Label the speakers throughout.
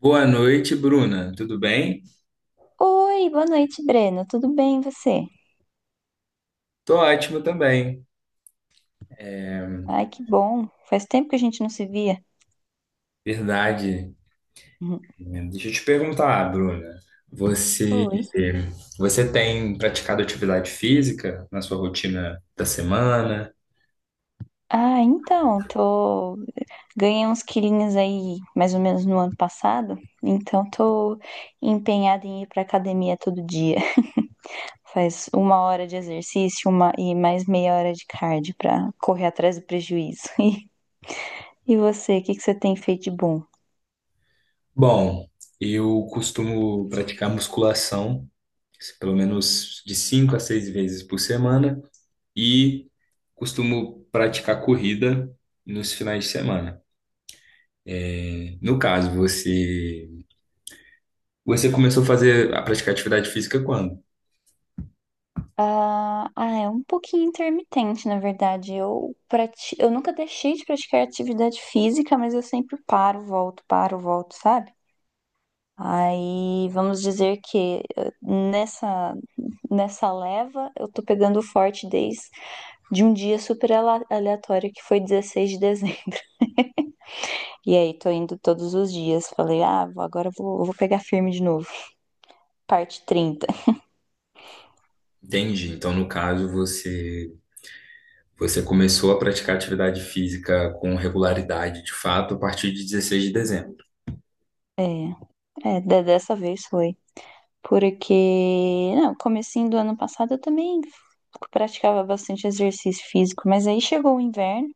Speaker 1: Boa noite, Bruna. Tudo bem?
Speaker 2: Oi, boa noite, Breno. Tudo bem, e você?
Speaker 1: Tô ótimo também.
Speaker 2: Ai, que bom. Faz tempo que a gente não se via.
Speaker 1: Verdade.
Speaker 2: Uhum.
Speaker 1: Deixa eu te perguntar, Bruna. Você,
Speaker 2: Oi.
Speaker 1: você tem praticado atividade física na sua rotina da semana?
Speaker 2: Ah, então, ganhei uns quilinhos aí mais ou menos no ano passado, então tô empenhada em ir pra academia todo dia. Faz uma hora de exercício e mais meia hora de cardio pra correr atrás do prejuízo. E você, o que que você tem feito de bom?
Speaker 1: Bom, eu costumo praticar musculação, pelo menos de cinco a seis vezes por semana, e costumo praticar corrida nos finais de semana. No caso, você começou a fazer a praticar atividade física quando?
Speaker 2: Ah, é um pouquinho intermitente, na verdade. Eu nunca deixei de praticar atividade física, mas eu sempre paro, volto, sabe? Aí vamos dizer que nessa leva eu tô pegando forte desde de um dia super aleatório que foi 16 de dezembro. E aí tô indo todos os dias. Falei, ah, agora eu vou pegar firme de novo. Parte trinta.
Speaker 1: Entendi. Então, no caso, você começou a praticar atividade física com regularidade, de fato, a partir de 16 de dezembro.
Speaker 2: É, é, dessa vez foi. Porque, não, comecinho do ano passado eu também praticava bastante exercício físico, mas aí chegou o inverno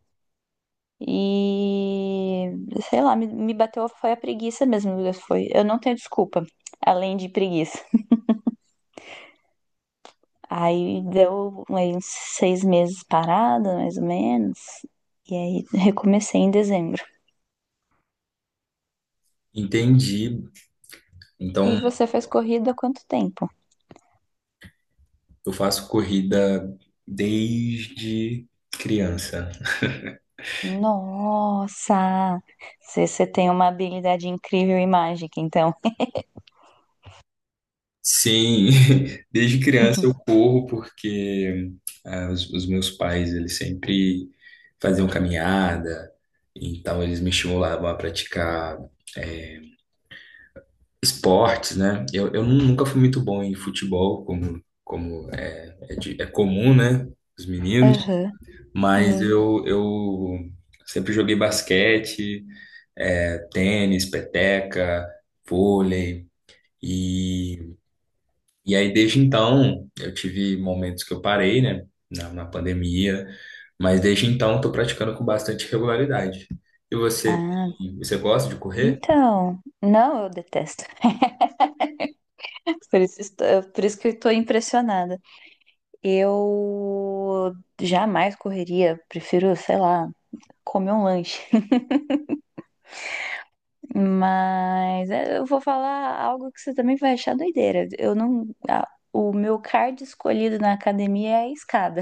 Speaker 2: e, sei lá, me bateu, foi a preguiça mesmo, foi, eu não tenho desculpa, além de preguiça. Aí deu aí, uns 6 meses parada, mais ou menos, e aí recomecei em dezembro.
Speaker 1: Entendi.
Speaker 2: E
Speaker 1: Então,
Speaker 2: você fez corrida há quanto tempo?
Speaker 1: eu faço corrida desde criança.
Speaker 2: Nossa, você tem uma habilidade incrível em mágica, então.
Speaker 1: Sim, desde criança eu corro porque ah, os meus pais, eles sempre faziam caminhada, então eles me estimulavam a praticar eh, esportes, né? Eu nunca fui muito bom em futebol, como é comum, né? Os meninos,
Speaker 2: Aham.
Speaker 1: mas
Speaker 2: Sim.
Speaker 1: eu sempre joguei basquete, é, tênis, peteca, vôlei, e, e aí desde então eu tive momentos que eu parei, né? Na pandemia, mas desde então estou praticando com bastante regularidade. E você,
Speaker 2: Ah,
Speaker 1: você gosta de correr?
Speaker 2: então. Não, eu detesto. Por isso que eu estou impressionada. Eu jamais correria, prefiro, sei lá, comer um lanche. Mas é, eu vou falar algo que você também vai achar doideira. Eu não. O meu card escolhido na academia é a escada.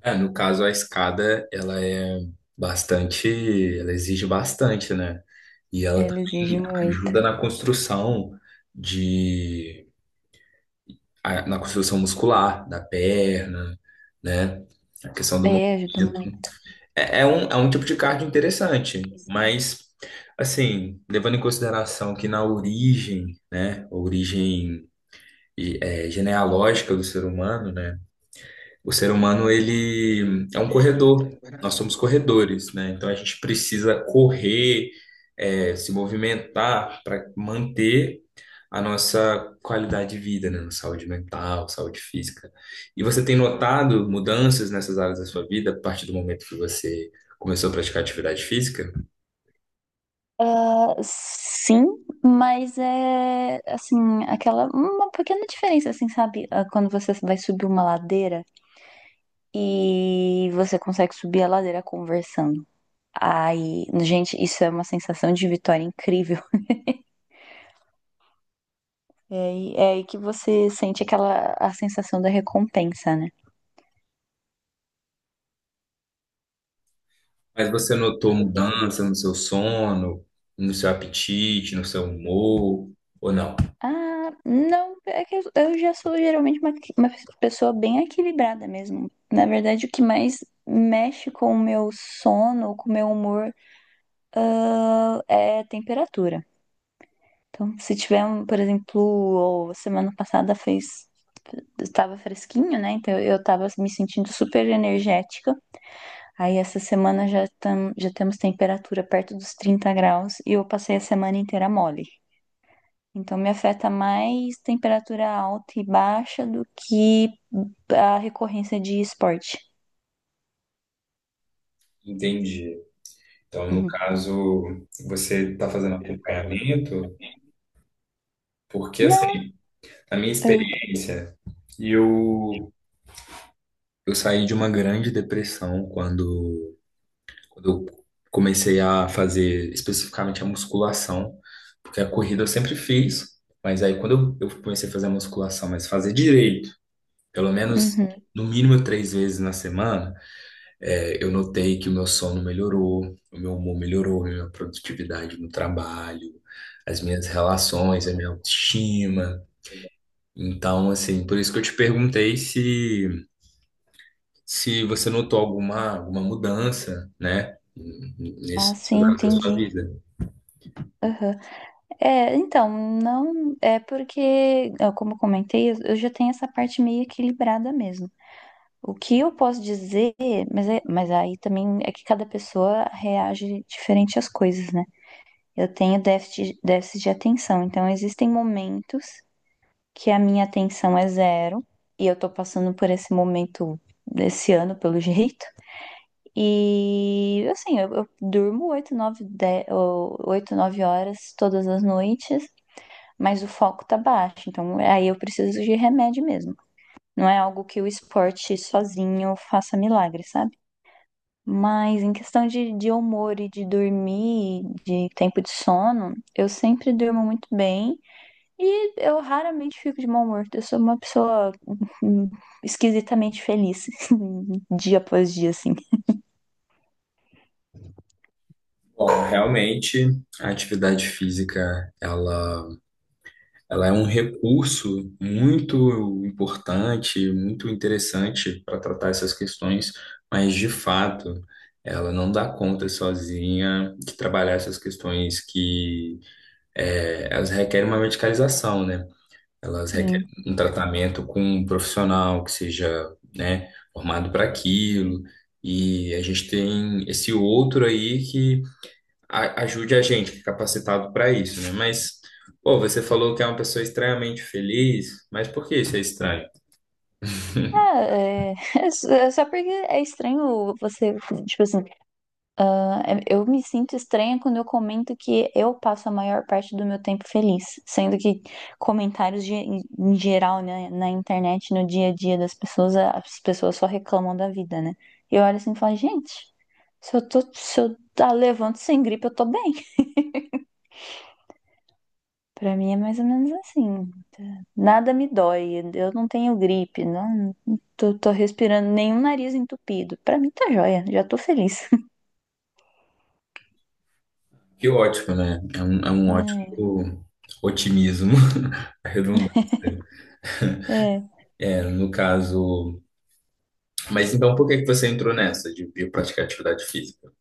Speaker 1: É, no caso, a escada, ela é bastante, ela exige bastante, né? E ela
Speaker 2: Ela exige
Speaker 1: também
Speaker 2: muito.
Speaker 1: ajuda na construção de, na construção muscular da perna, né? A questão do movimento.
Speaker 2: É, ajuda muito.
Speaker 1: É, é um tipo de cardio interessante, mas, assim, levando em consideração que na origem, né? Origem genealógica do ser humano, né? O ser humano, ele é um corredor. Nós somos corredores, né? Então a gente precisa correr, é, se movimentar para manter a nossa qualidade de vida, né? Saúde mental, saúde física. E você tem notado mudanças nessas áreas da sua vida a partir do momento que você começou a praticar atividade física?
Speaker 2: Sim, mas é assim, aquela uma pequena diferença assim, sabe? Ah, quando você vai subir uma ladeira e você consegue subir a ladeira conversando. Aí, gente, isso é uma sensação de vitória incrível. É aí que você sente aquela a sensação da recompensa, né?
Speaker 1: Mas você notou mudança no seu sono, no seu apetite, no seu humor, ou não?
Speaker 2: Ah, não, é que eu já sou geralmente uma pessoa bem equilibrada mesmo. Na verdade, o que mais mexe com o meu sono, com o meu humor é temperatura. Então, se tiver, um, por exemplo, ou semana passada fez estava fresquinho, né? Então eu estava me sentindo super energética. Aí essa semana já temos temperatura perto dos 30 graus e eu passei a semana inteira mole. Então me afeta mais temperatura alta e baixa do que a recorrência de esporte.
Speaker 1: Entendi. Então, no
Speaker 2: Uhum.
Speaker 1: caso, você está fazendo acompanhamento, porque
Speaker 2: Não.
Speaker 1: assim, a minha
Speaker 2: Uh,
Speaker 1: experiência, eu, eu saí de uma grande depressão quando, quando eu comecei a fazer especificamente a musculação, porque a corrida eu sempre fiz, mas aí quando eu comecei a fazer a musculação, mas fazer direito, pelo menos
Speaker 2: uhum.
Speaker 1: no mínimo três vezes na semana, é, eu notei que o meu sono melhorou, o meu humor melhorou, a minha produtividade no trabalho, as minhas relações, a minha autoestima. Então, assim, por isso que eu te perguntei se você notou alguma mudança, né,
Speaker 2: Ah,
Speaker 1: nesses
Speaker 2: sim,
Speaker 1: áreas da sua
Speaker 2: entendi.
Speaker 1: vida.
Speaker 2: É, então, não é porque, ó, como eu comentei, eu já tenho essa parte meio equilibrada mesmo. O que eu posso dizer, mas, mas aí também é que cada pessoa reage diferente às coisas, né? Eu tenho déficit de atenção, então existem momentos que a minha atenção é zero, e eu tô passando por esse momento desse ano, pelo jeito. E assim, eu durmo 8, 9, 10, 8, 9 horas todas as noites, mas o foco tá baixo. Então, aí eu preciso de remédio mesmo. Não é algo que o esporte sozinho faça milagre, sabe? Mas em questão de humor e de dormir, de tempo de sono, eu sempre durmo muito bem e eu raramente fico de mau humor. Eu sou uma pessoa hum, esquisitamente feliz, dia após dia, assim.
Speaker 1: Bom, realmente, a atividade física, ela é um recurso muito importante, muito interessante para tratar essas questões, mas de fato, ela não dá conta sozinha de trabalhar essas questões que elas requerem uma medicalização, né? Elas requerem
Speaker 2: Sim.
Speaker 1: um tratamento com um profissional que seja, né, formado para aquilo. E a gente tem esse outro aí que ajude a gente que é capacitado para isso, né? Mas, pô, você falou que é uma pessoa estranhamente feliz, mas por que isso é estranho?
Speaker 2: Ah, é, é só porque é estranho você, tipo assim. É, eu me sinto estranha quando eu comento que eu passo a maior parte do meu tempo feliz, sendo que comentários ge- em geral, né, na internet, no dia a dia das pessoas, as pessoas só reclamam da vida, né? E eu olho assim e falo, gente, se eu tá, levanto sem gripe, eu tô bem. Pra mim é mais ou menos assim, tá? Nada me dói, eu não tenho gripe, não tô, tô respirando nenhum nariz entupido. Pra mim tá joia, já tô feliz.
Speaker 1: Que ótimo, né? É um ótimo otimismo, a redundância.
Speaker 2: É, é.
Speaker 1: É, no caso. Mas então por que que você entrou nessa de praticar atividade física?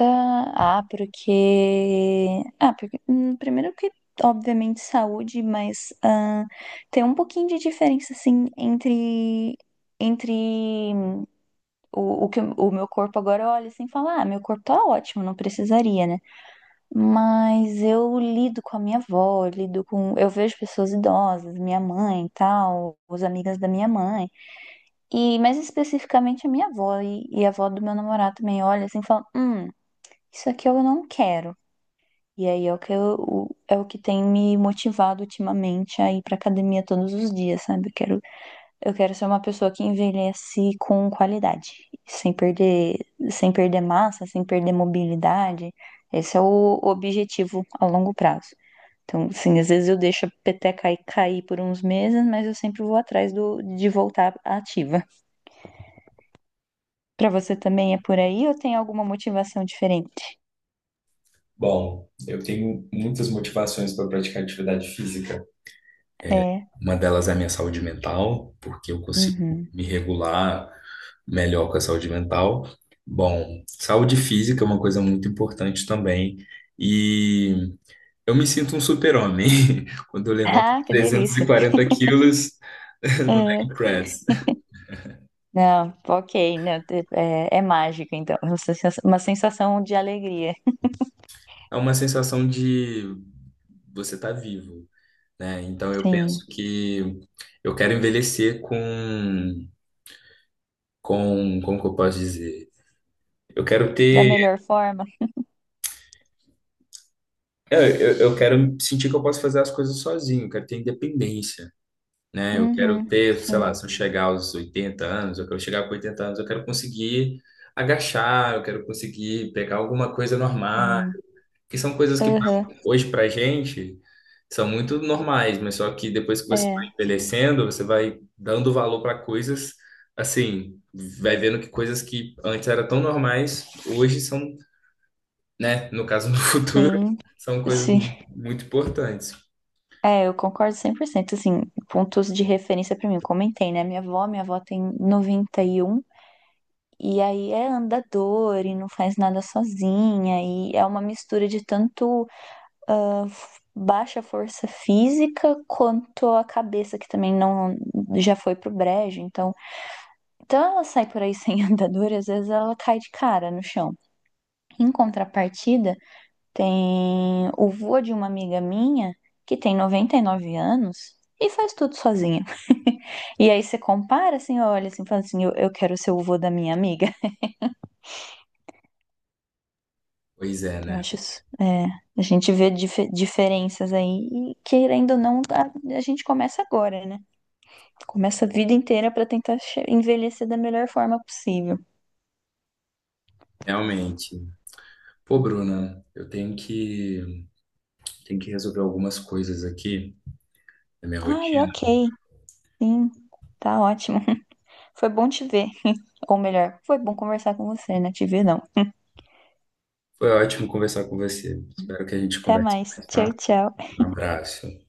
Speaker 2: Ah, porque. Ah, porque. Primeiro que, obviamente, saúde, mas ah, tem um pouquinho de diferença, assim, entre. Entre o que o meu corpo agora olha sem falar, ah, meu corpo tá ótimo, não precisaria, né? Mas eu lido com a minha avó, eu lido com. Eu vejo pessoas idosas, minha mãe e tal, os amigas da minha mãe. E mais especificamente a minha avó e a avó do meu namorado também olha assim e fala: hum, isso aqui eu não quero. E aí é o que eu, o- é o que tem me motivado ultimamente a ir pra academia todos os dias, sabe? Eu quero ser uma pessoa que envelhece com qualidade, sem perder, sem perder massa, sem perder mobilidade. Esse é o objetivo a longo prazo. Então, assim, às vezes eu deixo a peteca aí cair por uns meses, mas eu sempre vou atrás de voltar ativa. Pra você também é por aí ou tem alguma motivação diferente?
Speaker 1: Bom, eu tenho muitas motivações para praticar atividade física.
Speaker 2: É.
Speaker 1: Uma delas é a minha saúde mental, porque eu consigo
Speaker 2: Uhum.
Speaker 1: me regular melhor com a saúde mental. Bom, saúde física é uma coisa muito importante também. E eu me sinto um super-homem quando eu levanto
Speaker 2: Ah, que
Speaker 1: trezentos e
Speaker 2: delícia.
Speaker 1: quarenta quilos no
Speaker 2: É.
Speaker 1: leg press.
Speaker 2: Não, ok, não, é mágico, então. É uma sensação de alegria.
Speaker 1: É uma sensação de você tá vivo, né? Então eu penso
Speaker 2: Sim,
Speaker 1: que eu quero envelhecer como que eu posso dizer? Eu quero
Speaker 2: da
Speaker 1: ter.
Speaker 2: melhor forma.
Speaker 1: Eu quero sentir que eu posso fazer as coisas sozinho, eu quero ter independência, né? Eu quero
Speaker 2: Uhum,
Speaker 1: ter, sei lá, se
Speaker 2: sim,
Speaker 1: eu chegar aos 80 anos, eu quero chegar com 80 anos, eu quero conseguir agachar, eu quero conseguir pegar alguma coisa normal,
Speaker 2: sim.
Speaker 1: que são coisas que
Speaker 2: Aham,
Speaker 1: hoje pra gente são muito normais, mas só que depois que você vai
Speaker 2: é,
Speaker 1: envelhecendo, você vai dando valor para coisas, assim, vai vendo que coisas que antes eram tão normais, hoje são, né? No caso, no futuro,
Speaker 2: sim,
Speaker 1: são coisas
Speaker 2: sim.
Speaker 1: muito importantes.
Speaker 2: É, eu concordo 100%, assim, pontos de referência pra mim. Eu comentei, né? Minha avó tem 91 e aí é andador e não faz nada sozinha, e é uma mistura de tanto baixa força física, quanto a cabeça, que também não já foi pro brejo. Então, ela sai por aí sem andadura, às vezes ela cai de cara no chão. Em contrapartida, tem o vô de uma amiga minha, que tem 99 anos, e faz tudo sozinha. E aí você compara, assim, olha, assim, fala assim, eu quero ser o vô da minha amiga.
Speaker 1: Pois é,
Speaker 2: Então, eu
Speaker 1: né?
Speaker 2: acho, é, a gente vê diferenças aí e, querendo ou não, a gente começa agora, né? Começa a vida inteira pra tentar envelhecer da melhor forma possível.
Speaker 1: Realmente. Pô, Bruna, tenho que resolver algumas coisas aqui da minha
Speaker 2: Ai,
Speaker 1: rotina.
Speaker 2: ok. Sim, tá ótimo. Foi bom te ver. Ou melhor, foi bom conversar com você, né? Te ver não.
Speaker 1: Foi ótimo conversar com você. Espero que a gente
Speaker 2: Até
Speaker 1: converse
Speaker 2: mais.
Speaker 1: mais,
Speaker 2: Tchau,
Speaker 1: tá?
Speaker 2: tchau.
Speaker 1: Um abraço.